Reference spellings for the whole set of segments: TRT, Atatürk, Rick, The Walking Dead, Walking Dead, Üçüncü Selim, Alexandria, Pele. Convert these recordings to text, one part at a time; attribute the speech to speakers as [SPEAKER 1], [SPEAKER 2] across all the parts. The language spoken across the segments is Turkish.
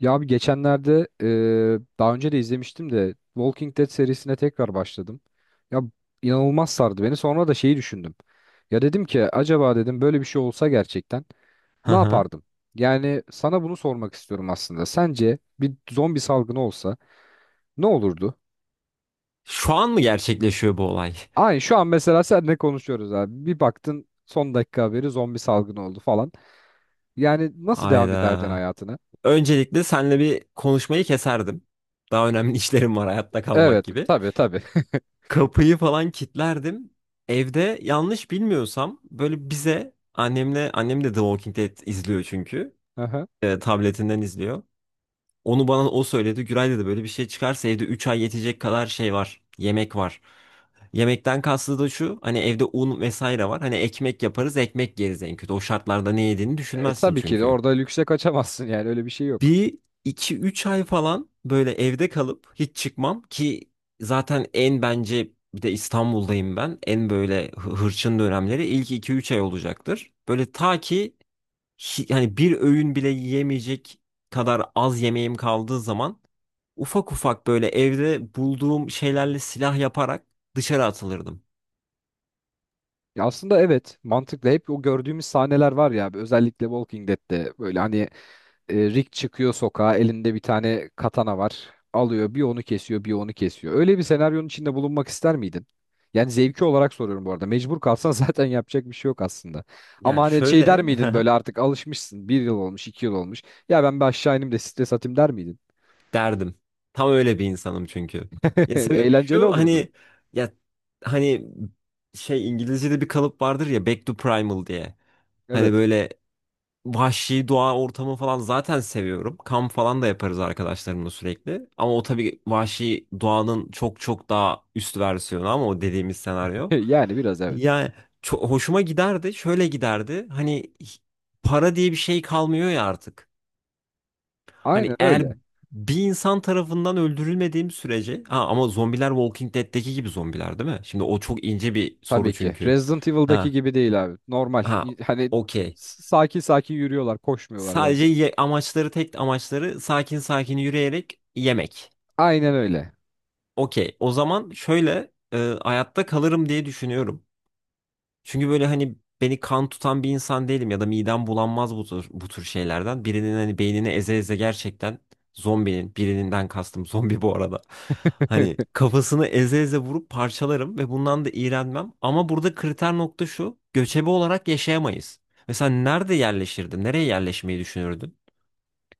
[SPEAKER 1] Ya abi geçenlerde daha önce de izlemiştim de Walking Dead serisine tekrar başladım. Ya inanılmaz sardı beni. Sonra da şeyi düşündüm. Ya dedim ki acaba dedim böyle bir şey olsa gerçekten
[SPEAKER 2] Hı
[SPEAKER 1] ne
[SPEAKER 2] hı.
[SPEAKER 1] yapardım? Yani sana bunu sormak istiyorum aslında. Sence bir zombi salgını olsa ne olurdu?
[SPEAKER 2] Şu an mı gerçekleşiyor bu olay?
[SPEAKER 1] Aynı şu an mesela seninle konuşuyoruz abi. Bir baktın son dakika haberi zombi salgını oldu falan. Yani nasıl devam ederdin
[SPEAKER 2] Ayda.
[SPEAKER 1] hayatına?
[SPEAKER 2] Öncelikle seninle bir konuşmayı keserdim. Daha önemli işlerim var, hayatta kalmak
[SPEAKER 1] Evet
[SPEAKER 2] gibi.
[SPEAKER 1] tabii tabii.
[SPEAKER 2] Kapıyı falan kilitlerdim. Evde, yanlış bilmiyorsam, böyle bize annemle annem de The Walking Dead izliyor çünkü. Tabletinden izliyor. Onu bana o söyledi. Güray dedi, böyle bir şey çıkarsa evde 3 ay yetecek kadar şey var. Yemek var. Yemekten kastı da şu: hani evde un vesaire var. Hani ekmek yaparız, ekmek yeriz en kötü. O şartlarda ne yediğini
[SPEAKER 1] E,
[SPEAKER 2] düşünmezsin
[SPEAKER 1] tabii ki de
[SPEAKER 2] çünkü.
[SPEAKER 1] orada lükse kaçamazsın yani öyle bir şey yok.
[SPEAKER 2] Bir iki üç ay falan böyle evde kalıp hiç çıkmam ki zaten, en, bence, bir de İstanbul'dayım ben. En böyle hırçın dönemleri ilk iki üç ay olacaktır. Böyle ta ki yani bir öğün bile yiyemeyecek kadar az yemeğim kaldığı zaman, ufak ufak böyle evde bulduğum şeylerle silah yaparak dışarı atılırdım.
[SPEAKER 1] Ya aslında evet mantıklı hep o gördüğümüz sahneler var ya özellikle Walking Dead'te böyle hani Rick çıkıyor sokağa elinde bir tane katana var alıyor bir onu kesiyor bir onu kesiyor. Öyle bir senaryonun içinde bulunmak ister miydin? Yani zevki olarak soruyorum bu arada mecbur kalsan zaten yapacak bir şey yok aslında. Ama
[SPEAKER 2] Yani
[SPEAKER 1] hani şey der
[SPEAKER 2] şöyle,
[SPEAKER 1] miydin böyle artık alışmışsın bir yıl olmuş 2 yıl olmuş ya ben bir aşağı ineyim de stres atayım der miydin?
[SPEAKER 2] derdim. Tam öyle bir insanım çünkü. Ya, sebebi
[SPEAKER 1] Eğlenceli
[SPEAKER 2] şu
[SPEAKER 1] olurdu.
[SPEAKER 2] hani, ya hani şey, İngilizce'de bir kalıp vardır ya, back to primal diye. Hani
[SPEAKER 1] Evet
[SPEAKER 2] böyle vahşi doğa ortamı falan zaten seviyorum. Kamp falan da yaparız arkadaşlarımla sürekli. Ama o tabii vahşi doğanın çok çok daha üst versiyonu, ama o dediğimiz senaryo.
[SPEAKER 1] yani biraz evet
[SPEAKER 2] Yani çok hoşuma giderdi. Şöyle giderdi. Hani para diye bir şey kalmıyor ya artık. Hani
[SPEAKER 1] aynen
[SPEAKER 2] eğer
[SPEAKER 1] öyle.
[SPEAKER 2] bir insan tarafından öldürülmediğim sürece. Ha, ama zombiler Walking Dead'teki gibi zombiler değil mi? Şimdi o çok ince bir soru
[SPEAKER 1] Tabii ki.
[SPEAKER 2] çünkü.
[SPEAKER 1] Resident Evil'daki
[SPEAKER 2] Ha
[SPEAKER 1] gibi değil abi. Normal.
[SPEAKER 2] ha,
[SPEAKER 1] Hani
[SPEAKER 2] okey.
[SPEAKER 1] sakin sakin yürüyorlar, koşmuyorlar yani.
[SPEAKER 2] Sadece amaçları, tek amaçları sakin sakin yürüyerek yemek.
[SPEAKER 1] Aynen öyle.
[SPEAKER 2] Okey. O zaman şöyle, hayatta kalırım diye düşünüyorum. Çünkü böyle hani beni kan tutan bir insan değilim ya da midem bulanmaz bu tür şeylerden. Birinin hani beynini eze eze gerçekten, zombinin, birinden kastım zombi bu arada. Hani kafasını eze eze vurup parçalarım ve bundan da iğrenmem. Ama burada kriter nokta şu: göçebe olarak yaşayamayız. Mesela nerede yerleşirdin? Nereye yerleşmeyi düşünürdün?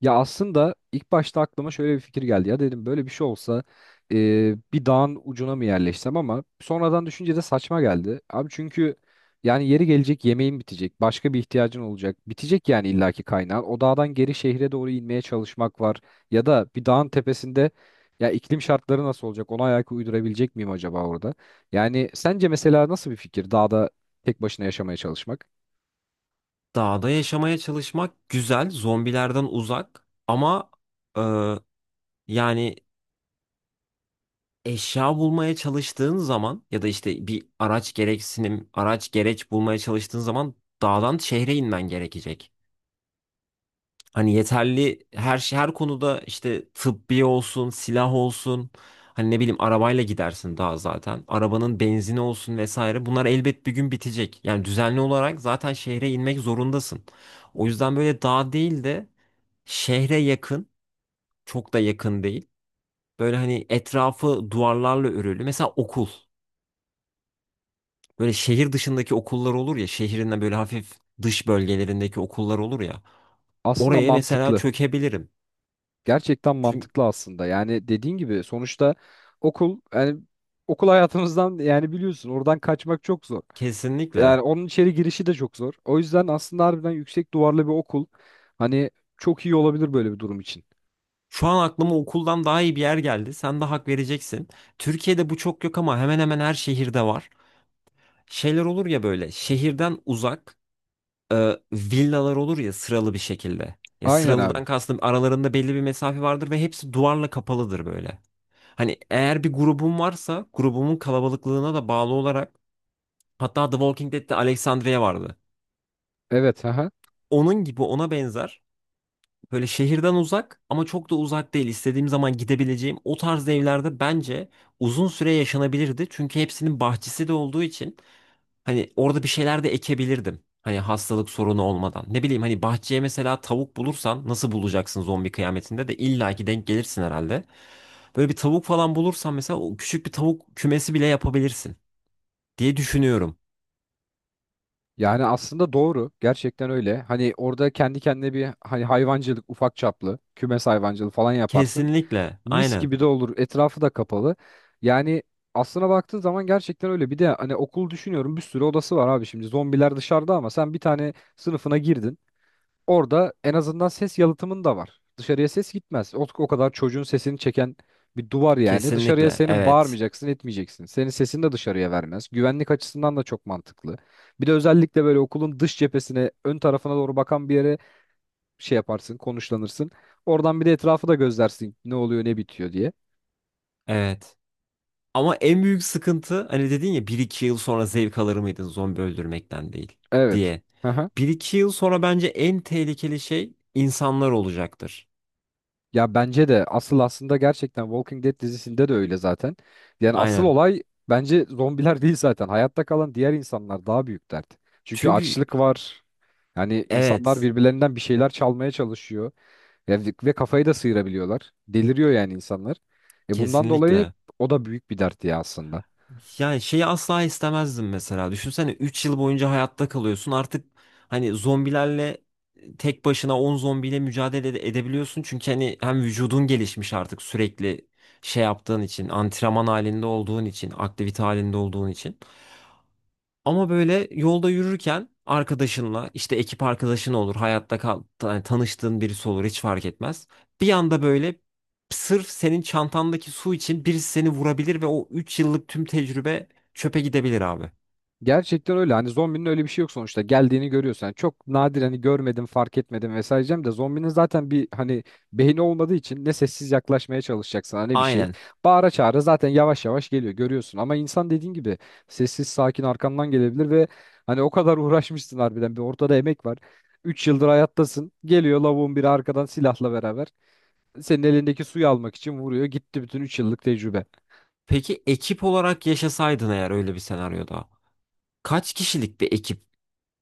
[SPEAKER 1] Ya aslında ilk başta aklıma şöyle bir fikir geldi. Ya dedim böyle bir şey olsa e, bir dağın ucuna mı yerleşsem ama sonradan düşünce de saçma geldi. Abi çünkü yani yeri gelecek yemeğin bitecek. Başka bir ihtiyacın olacak. Bitecek yani illaki kaynağın. O dağdan geri şehre doğru inmeye çalışmak var. Ya da bir dağın tepesinde ya iklim şartları nasıl olacak? Ona ayak uydurabilecek miyim acaba orada? Yani sence mesela nasıl bir fikir dağda tek başına yaşamaya çalışmak?
[SPEAKER 2] Dağda yaşamaya çalışmak güzel, zombilerden uzak, ama e, yani eşya bulmaya çalıştığın zaman ya da işte bir araç gereç bulmaya çalıştığın zaman dağdan şehre inmen gerekecek. Hani yeterli her şey, her konuda, işte tıbbi olsun, silah olsun, hani ne bileyim, arabayla gidersin daha zaten. Arabanın benzini olsun vesaire. Bunlar elbet bir gün bitecek. Yani düzenli olarak zaten şehre inmek zorundasın. O yüzden böyle dağ değil de şehre yakın, çok da yakın değil. Böyle hani etrafı duvarlarla örülü. Mesela okul. Böyle şehir dışındaki okullar olur ya, şehrinden böyle hafif dış bölgelerindeki okullar olur ya.
[SPEAKER 1] Aslında
[SPEAKER 2] Oraya mesela
[SPEAKER 1] mantıklı.
[SPEAKER 2] çökebilirim.
[SPEAKER 1] Gerçekten
[SPEAKER 2] Çünkü
[SPEAKER 1] mantıklı aslında. Yani dediğin gibi sonuçta okul yani okul hayatımızdan yani biliyorsun oradan kaçmak çok zor.
[SPEAKER 2] kesinlikle.
[SPEAKER 1] Yani onun içeri girişi de çok zor. O yüzden aslında harbiden yüksek duvarlı bir okul hani çok iyi olabilir böyle bir durum için.
[SPEAKER 2] Şu an aklıma okuldan daha iyi bir yer geldi. Sen de hak vereceksin. Türkiye'de bu çok yok ama hemen hemen her şehirde var. Şeyler olur ya böyle şehirden uzak, villalar olur ya, sıralı bir şekilde. Ya,
[SPEAKER 1] Aynen abi.
[SPEAKER 2] sıralıdan kastım aralarında belli bir mesafe vardır ve hepsi duvarla kapalıdır böyle. Hani eğer bir grubum varsa grubumun kalabalıklığına da bağlı olarak, hatta The Walking Dead'te Alexandria vardı.
[SPEAKER 1] Evet. Aha.
[SPEAKER 2] Onun gibi, ona benzer böyle şehirden uzak ama çok da uzak değil, istediğim zaman gidebileceğim o tarz evlerde bence uzun süre yaşanabilirdi. Çünkü hepsinin bahçesi de olduğu için hani orada bir şeyler de ekebilirdim. Hani hastalık sorunu olmadan. Ne bileyim, hani bahçeye mesela tavuk bulursan, nasıl bulacaksın, zombi kıyametinde de illaki denk gelirsin herhalde. Böyle bir tavuk falan bulursan mesela, o küçük bir tavuk kümesi bile yapabilirsin diye düşünüyorum.
[SPEAKER 1] Yani aslında doğru. Gerçekten öyle. Hani orada kendi kendine bir hani hayvancılık ufak çaplı, kümes hayvancılığı falan yaparsın.
[SPEAKER 2] Kesinlikle.
[SPEAKER 1] Mis
[SPEAKER 2] Aynen.
[SPEAKER 1] gibi de olur. Etrafı da kapalı. Yani aslına baktığın zaman gerçekten öyle. Bir de hani okul düşünüyorum bir sürü odası var abi şimdi. Zombiler dışarıda ama sen bir tane sınıfına girdin. Orada en azından ses yalıtımın da var. Dışarıya ses gitmez. O kadar çocuğun sesini çeken bir duvar yani. Dışarıya
[SPEAKER 2] Kesinlikle.
[SPEAKER 1] senin
[SPEAKER 2] Evet.
[SPEAKER 1] bağırmayacaksın, etmeyeceksin. Senin sesini de dışarıya vermez. Güvenlik açısından da çok mantıklı. Bir de özellikle böyle okulun dış cephesine, ön tarafına doğru bakan bir yere şey yaparsın, konuşlanırsın. Oradan bir de etrafı da gözlersin ne oluyor, ne bitiyor diye.
[SPEAKER 2] Evet. Ama en büyük sıkıntı, hani dedin ya bir iki yıl sonra zevk alır mıydın zombi öldürmekten değil
[SPEAKER 1] Evet.
[SPEAKER 2] diye,
[SPEAKER 1] Hı hı.
[SPEAKER 2] bir iki yıl sonra bence en tehlikeli şey insanlar olacaktır.
[SPEAKER 1] Ya bence de asıl aslında gerçekten Walking Dead dizisinde de öyle zaten. Yani asıl
[SPEAKER 2] Aynen.
[SPEAKER 1] olay bence zombiler değil zaten. Hayatta kalan diğer insanlar daha büyük dert. Çünkü
[SPEAKER 2] Çünkü
[SPEAKER 1] açlık var. Yani insanlar
[SPEAKER 2] evet,
[SPEAKER 1] birbirlerinden bir şeyler çalmaya çalışıyor. Ya ve kafayı da sıyırabiliyorlar. Deliriyor yani insanlar. E bundan dolayı
[SPEAKER 2] kesinlikle.
[SPEAKER 1] o da büyük bir dert ya aslında.
[SPEAKER 2] Yani şeyi asla istemezdim mesela. Düşünsene, 3 yıl boyunca hayatta kalıyorsun. Artık hani zombilerle, tek başına 10 zombiyle mücadele edebiliyorsun. Çünkü hani hem vücudun gelişmiş artık sürekli şey yaptığın için, antrenman halinde olduğun için, aktivite halinde olduğun için. Ama böyle yolda yürürken arkadaşınla, işte ekip arkadaşın olur, hayatta kal, yani tanıştığın birisi olur, hiç fark etmez. Bir anda böyle sırf senin çantandaki su için birisi seni vurabilir ve o 3 yıllık tüm tecrübe çöpe gidebilir abi.
[SPEAKER 1] Gerçekten öyle. Hani zombinin öyle bir şey yok sonuçta. Geldiğini görüyorsun. Yani çok nadir hani görmedim, fark etmedim vesaire diyeceğim de zombinin zaten bir hani beyni olmadığı için ne sessiz yaklaşmaya çalışacaksın hani bir şey.
[SPEAKER 2] Aynen.
[SPEAKER 1] Bağıra çağıra zaten yavaş yavaş geliyor görüyorsun. Ama insan dediğin gibi sessiz sakin arkandan gelebilir ve hani o kadar uğraşmışsın harbiden bir ortada emek var. 3 yıldır hayattasın. Geliyor lavuğun biri arkadan silahla beraber. Senin elindeki suyu almak için vuruyor. Gitti bütün 3 yıllık tecrübe.
[SPEAKER 2] Peki ekip olarak yaşasaydın eğer öyle bir senaryoda, kaç kişilik bir ekip?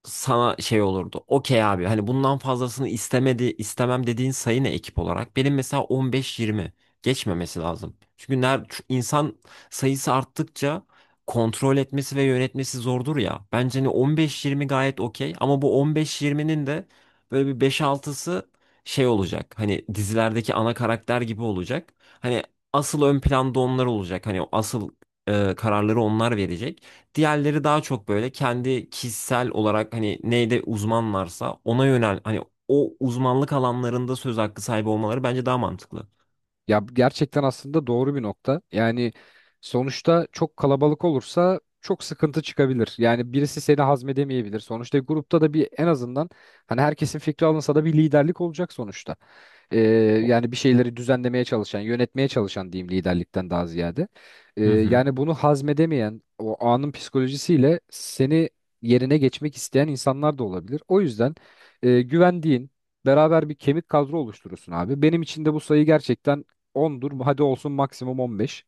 [SPEAKER 2] Sana şey olurdu. Okey abi, hani bundan fazlasını istemem dediğin sayı ne ekip olarak? Benim mesela 15-20 geçmemesi lazım. Çünkü şu insan sayısı arttıkça kontrol etmesi ve yönetmesi zordur ya. Bence hani 15-20 gayet okey, ama bu 15-20'nin de böyle bir beş altısı şey olacak. Hani dizilerdeki ana karakter gibi olacak. Hani asıl ön planda onlar olacak. Hani asıl kararları onlar verecek. Diğerleri daha çok böyle kendi kişisel olarak hani neyde uzmanlarsa ona yönel, hani o uzmanlık alanlarında söz hakkı sahibi olmaları bence daha mantıklı.
[SPEAKER 1] Ya gerçekten aslında doğru bir nokta. Yani sonuçta çok kalabalık olursa çok sıkıntı çıkabilir. Yani birisi seni hazmedemeyebilir. Sonuçta grupta da bir en azından hani herkesin fikri alınsa da bir liderlik olacak sonuçta. Ee,
[SPEAKER 2] O-
[SPEAKER 1] yani bir şeyleri düzenlemeye çalışan, yönetmeye çalışan diyeyim liderlikten daha ziyade.
[SPEAKER 2] Hı hı.
[SPEAKER 1] Yani bunu hazmedemeyen, o anın psikolojisiyle seni yerine geçmek isteyen insanlar da olabilir. O yüzden güvendiğin, beraber bir kemik kadro oluşturursun abi. Benim için de bu sayı gerçekten 10'dur. Hadi olsun maksimum 15.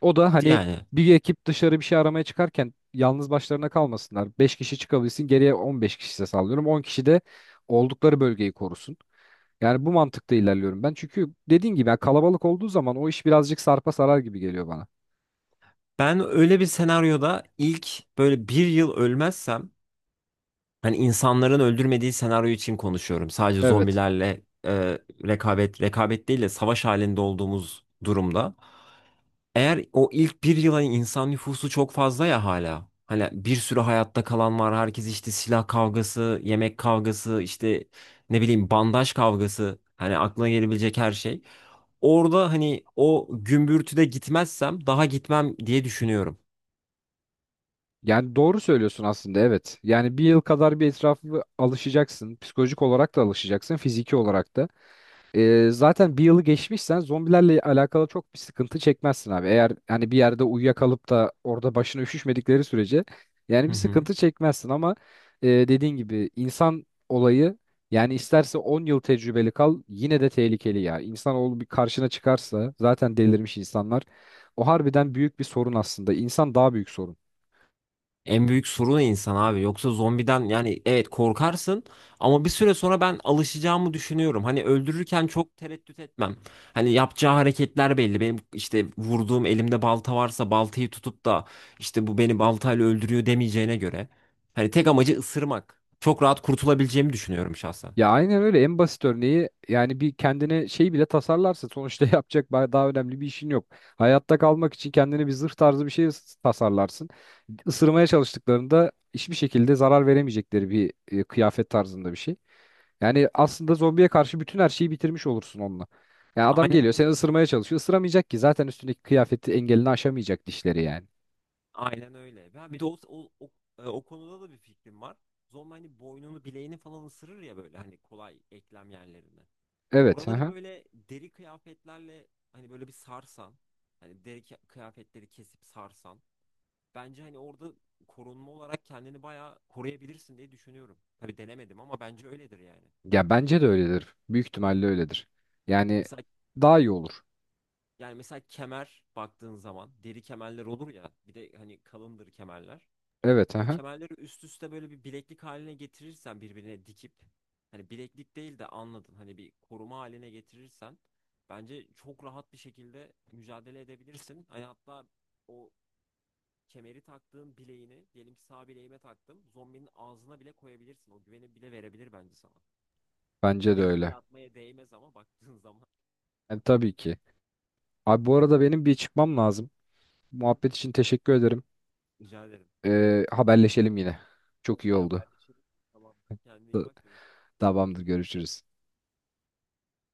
[SPEAKER 1] O da hani
[SPEAKER 2] Yani
[SPEAKER 1] bir ekip dışarı bir şey aramaya çıkarken yalnız başlarına kalmasınlar. 5 kişi çıkabilsin, geriye 15 kişi ise sallıyorum. 10 kişi de oldukları bölgeyi korusun. Yani bu mantıkta ilerliyorum ben. Çünkü dediğin gibi ya kalabalık olduğu zaman o iş birazcık sarpa sarar gibi geliyor bana.
[SPEAKER 2] ben öyle bir senaryoda ilk böyle bir yıl ölmezsem, hani insanların öldürmediği senaryo için konuşuyorum. Sadece
[SPEAKER 1] Evet.
[SPEAKER 2] zombilerle rekabet değil de savaş halinde olduğumuz durumda. Eğer o ilk bir yılın insan nüfusu çok fazla ya hala. Hani bir sürü hayatta kalan var. Herkes işte silah kavgası, yemek kavgası, işte ne bileyim, bandaj kavgası. Hani aklına gelebilecek her şey. Orada hani o gümbürtüde gitmezsem daha gitmem diye düşünüyorum.
[SPEAKER 1] Yani doğru söylüyorsun aslında evet. Yani bir yıl kadar bir etrafı alışacaksın. Psikolojik olarak da alışacaksın. Fiziki olarak da. Zaten bir yılı geçmişsen zombilerle alakalı çok bir sıkıntı çekmezsin abi. Eğer hani bir yerde uyuyakalıp da orada başına üşüşmedikleri sürece yani
[SPEAKER 2] Hı
[SPEAKER 1] bir
[SPEAKER 2] hı.
[SPEAKER 1] sıkıntı çekmezsin ama dediğin gibi insan olayı yani isterse 10 yıl tecrübeli kal yine de tehlikeli ya. İnsanoğlu bir karşına çıkarsa zaten delirmiş insanlar. O harbiden büyük bir sorun aslında. İnsan daha büyük sorun.
[SPEAKER 2] En büyük sorun insan abi. Yoksa zombiden, yani evet korkarsın, ama bir süre sonra ben alışacağımı düşünüyorum. Hani öldürürken çok tereddüt etmem. Hani yapacağı hareketler belli. Benim işte vurduğum, elimde balta varsa baltayı tutup da işte bu beni baltayla öldürüyor demeyeceğine göre. Hani tek amacı ısırmak. Çok rahat kurtulabileceğimi düşünüyorum şahsen.
[SPEAKER 1] Ya aynen öyle en basit örneği yani bir kendine şey bile tasarlarsa sonuçta yapacak daha önemli bir işin yok. Hayatta kalmak için kendine bir zırh tarzı bir şey tasarlarsın. Isırmaya çalıştıklarında hiçbir şekilde zarar veremeyecekleri bir kıyafet tarzında bir şey. Yani aslında zombiye karşı bütün her şeyi bitirmiş olursun onunla. Yani adam
[SPEAKER 2] Aynen
[SPEAKER 1] geliyor seni
[SPEAKER 2] öyle.
[SPEAKER 1] ısırmaya çalışıyor. Isıramayacak ki zaten üstündeki kıyafeti engelini aşamayacak dişleri yani.
[SPEAKER 2] Aynen öyle. Ben bir de o konuda da bir fikrim var. Zombi hani boynunu, bileğini falan ısırır ya böyle, hani kolay eklem yerlerini.
[SPEAKER 1] Evet.
[SPEAKER 2] Oraları
[SPEAKER 1] Aha.
[SPEAKER 2] böyle deri kıyafetlerle hani böyle bir sarsan, hani kıyafetleri kesip sarsan, bence hani orada korunma olarak kendini bayağı koruyabilirsin diye düşünüyorum. Tabii denemedim ama bence öyledir yani.
[SPEAKER 1] Ya bence de öyledir. Büyük ihtimalle öyledir. Yani
[SPEAKER 2] Mesela
[SPEAKER 1] daha iyi olur.
[SPEAKER 2] Yani mesela kemer, baktığın zaman deri kemerler olur ya, bir de hani kalındır kemerler.
[SPEAKER 1] Evet.
[SPEAKER 2] O
[SPEAKER 1] Aha.
[SPEAKER 2] kemerleri üst üste böyle bir bileklik haline getirirsen, birbirine dikip, hani bileklik değil de anladın, hani bir koruma haline getirirsen bence çok rahat bir şekilde mücadele edebilirsin. Hani hatta o kemeri taktığın bileğini, diyelim ki sağ bileğime taktım, zombinin ağzına bile koyabilirsin. O güveni bile verebilir bence sana.
[SPEAKER 1] Bence
[SPEAKER 2] Tabii
[SPEAKER 1] de
[SPEAKER 2] riske
[SPEAKER 1] öyle.
[SPEAKER 2] atmaya değmez ama baktığın zaman.
[SPEAKER 1] Yani tabii ki. Abi bu arada
[SPEAKER 2] Gibi-
[SPEAKER 1] benim bir çıkmam lazım.
[SPEAKER 2] Hı hı.
[SPEAKER 1] Muhabbet için teşekkür ederim.
[SPEAKER 2] Rica ederim.
[SPEAKER 1] Haberleşelim yine. Çok iyi
[SPEAKER 2] Okey,
[SPEAKER 1] oldu.
[SPEAKER 2] haberleşelim. Tamam. Kendine iyi bak, görüşürüz.
[SPEAKER 1] Tamamdır görüşürüz.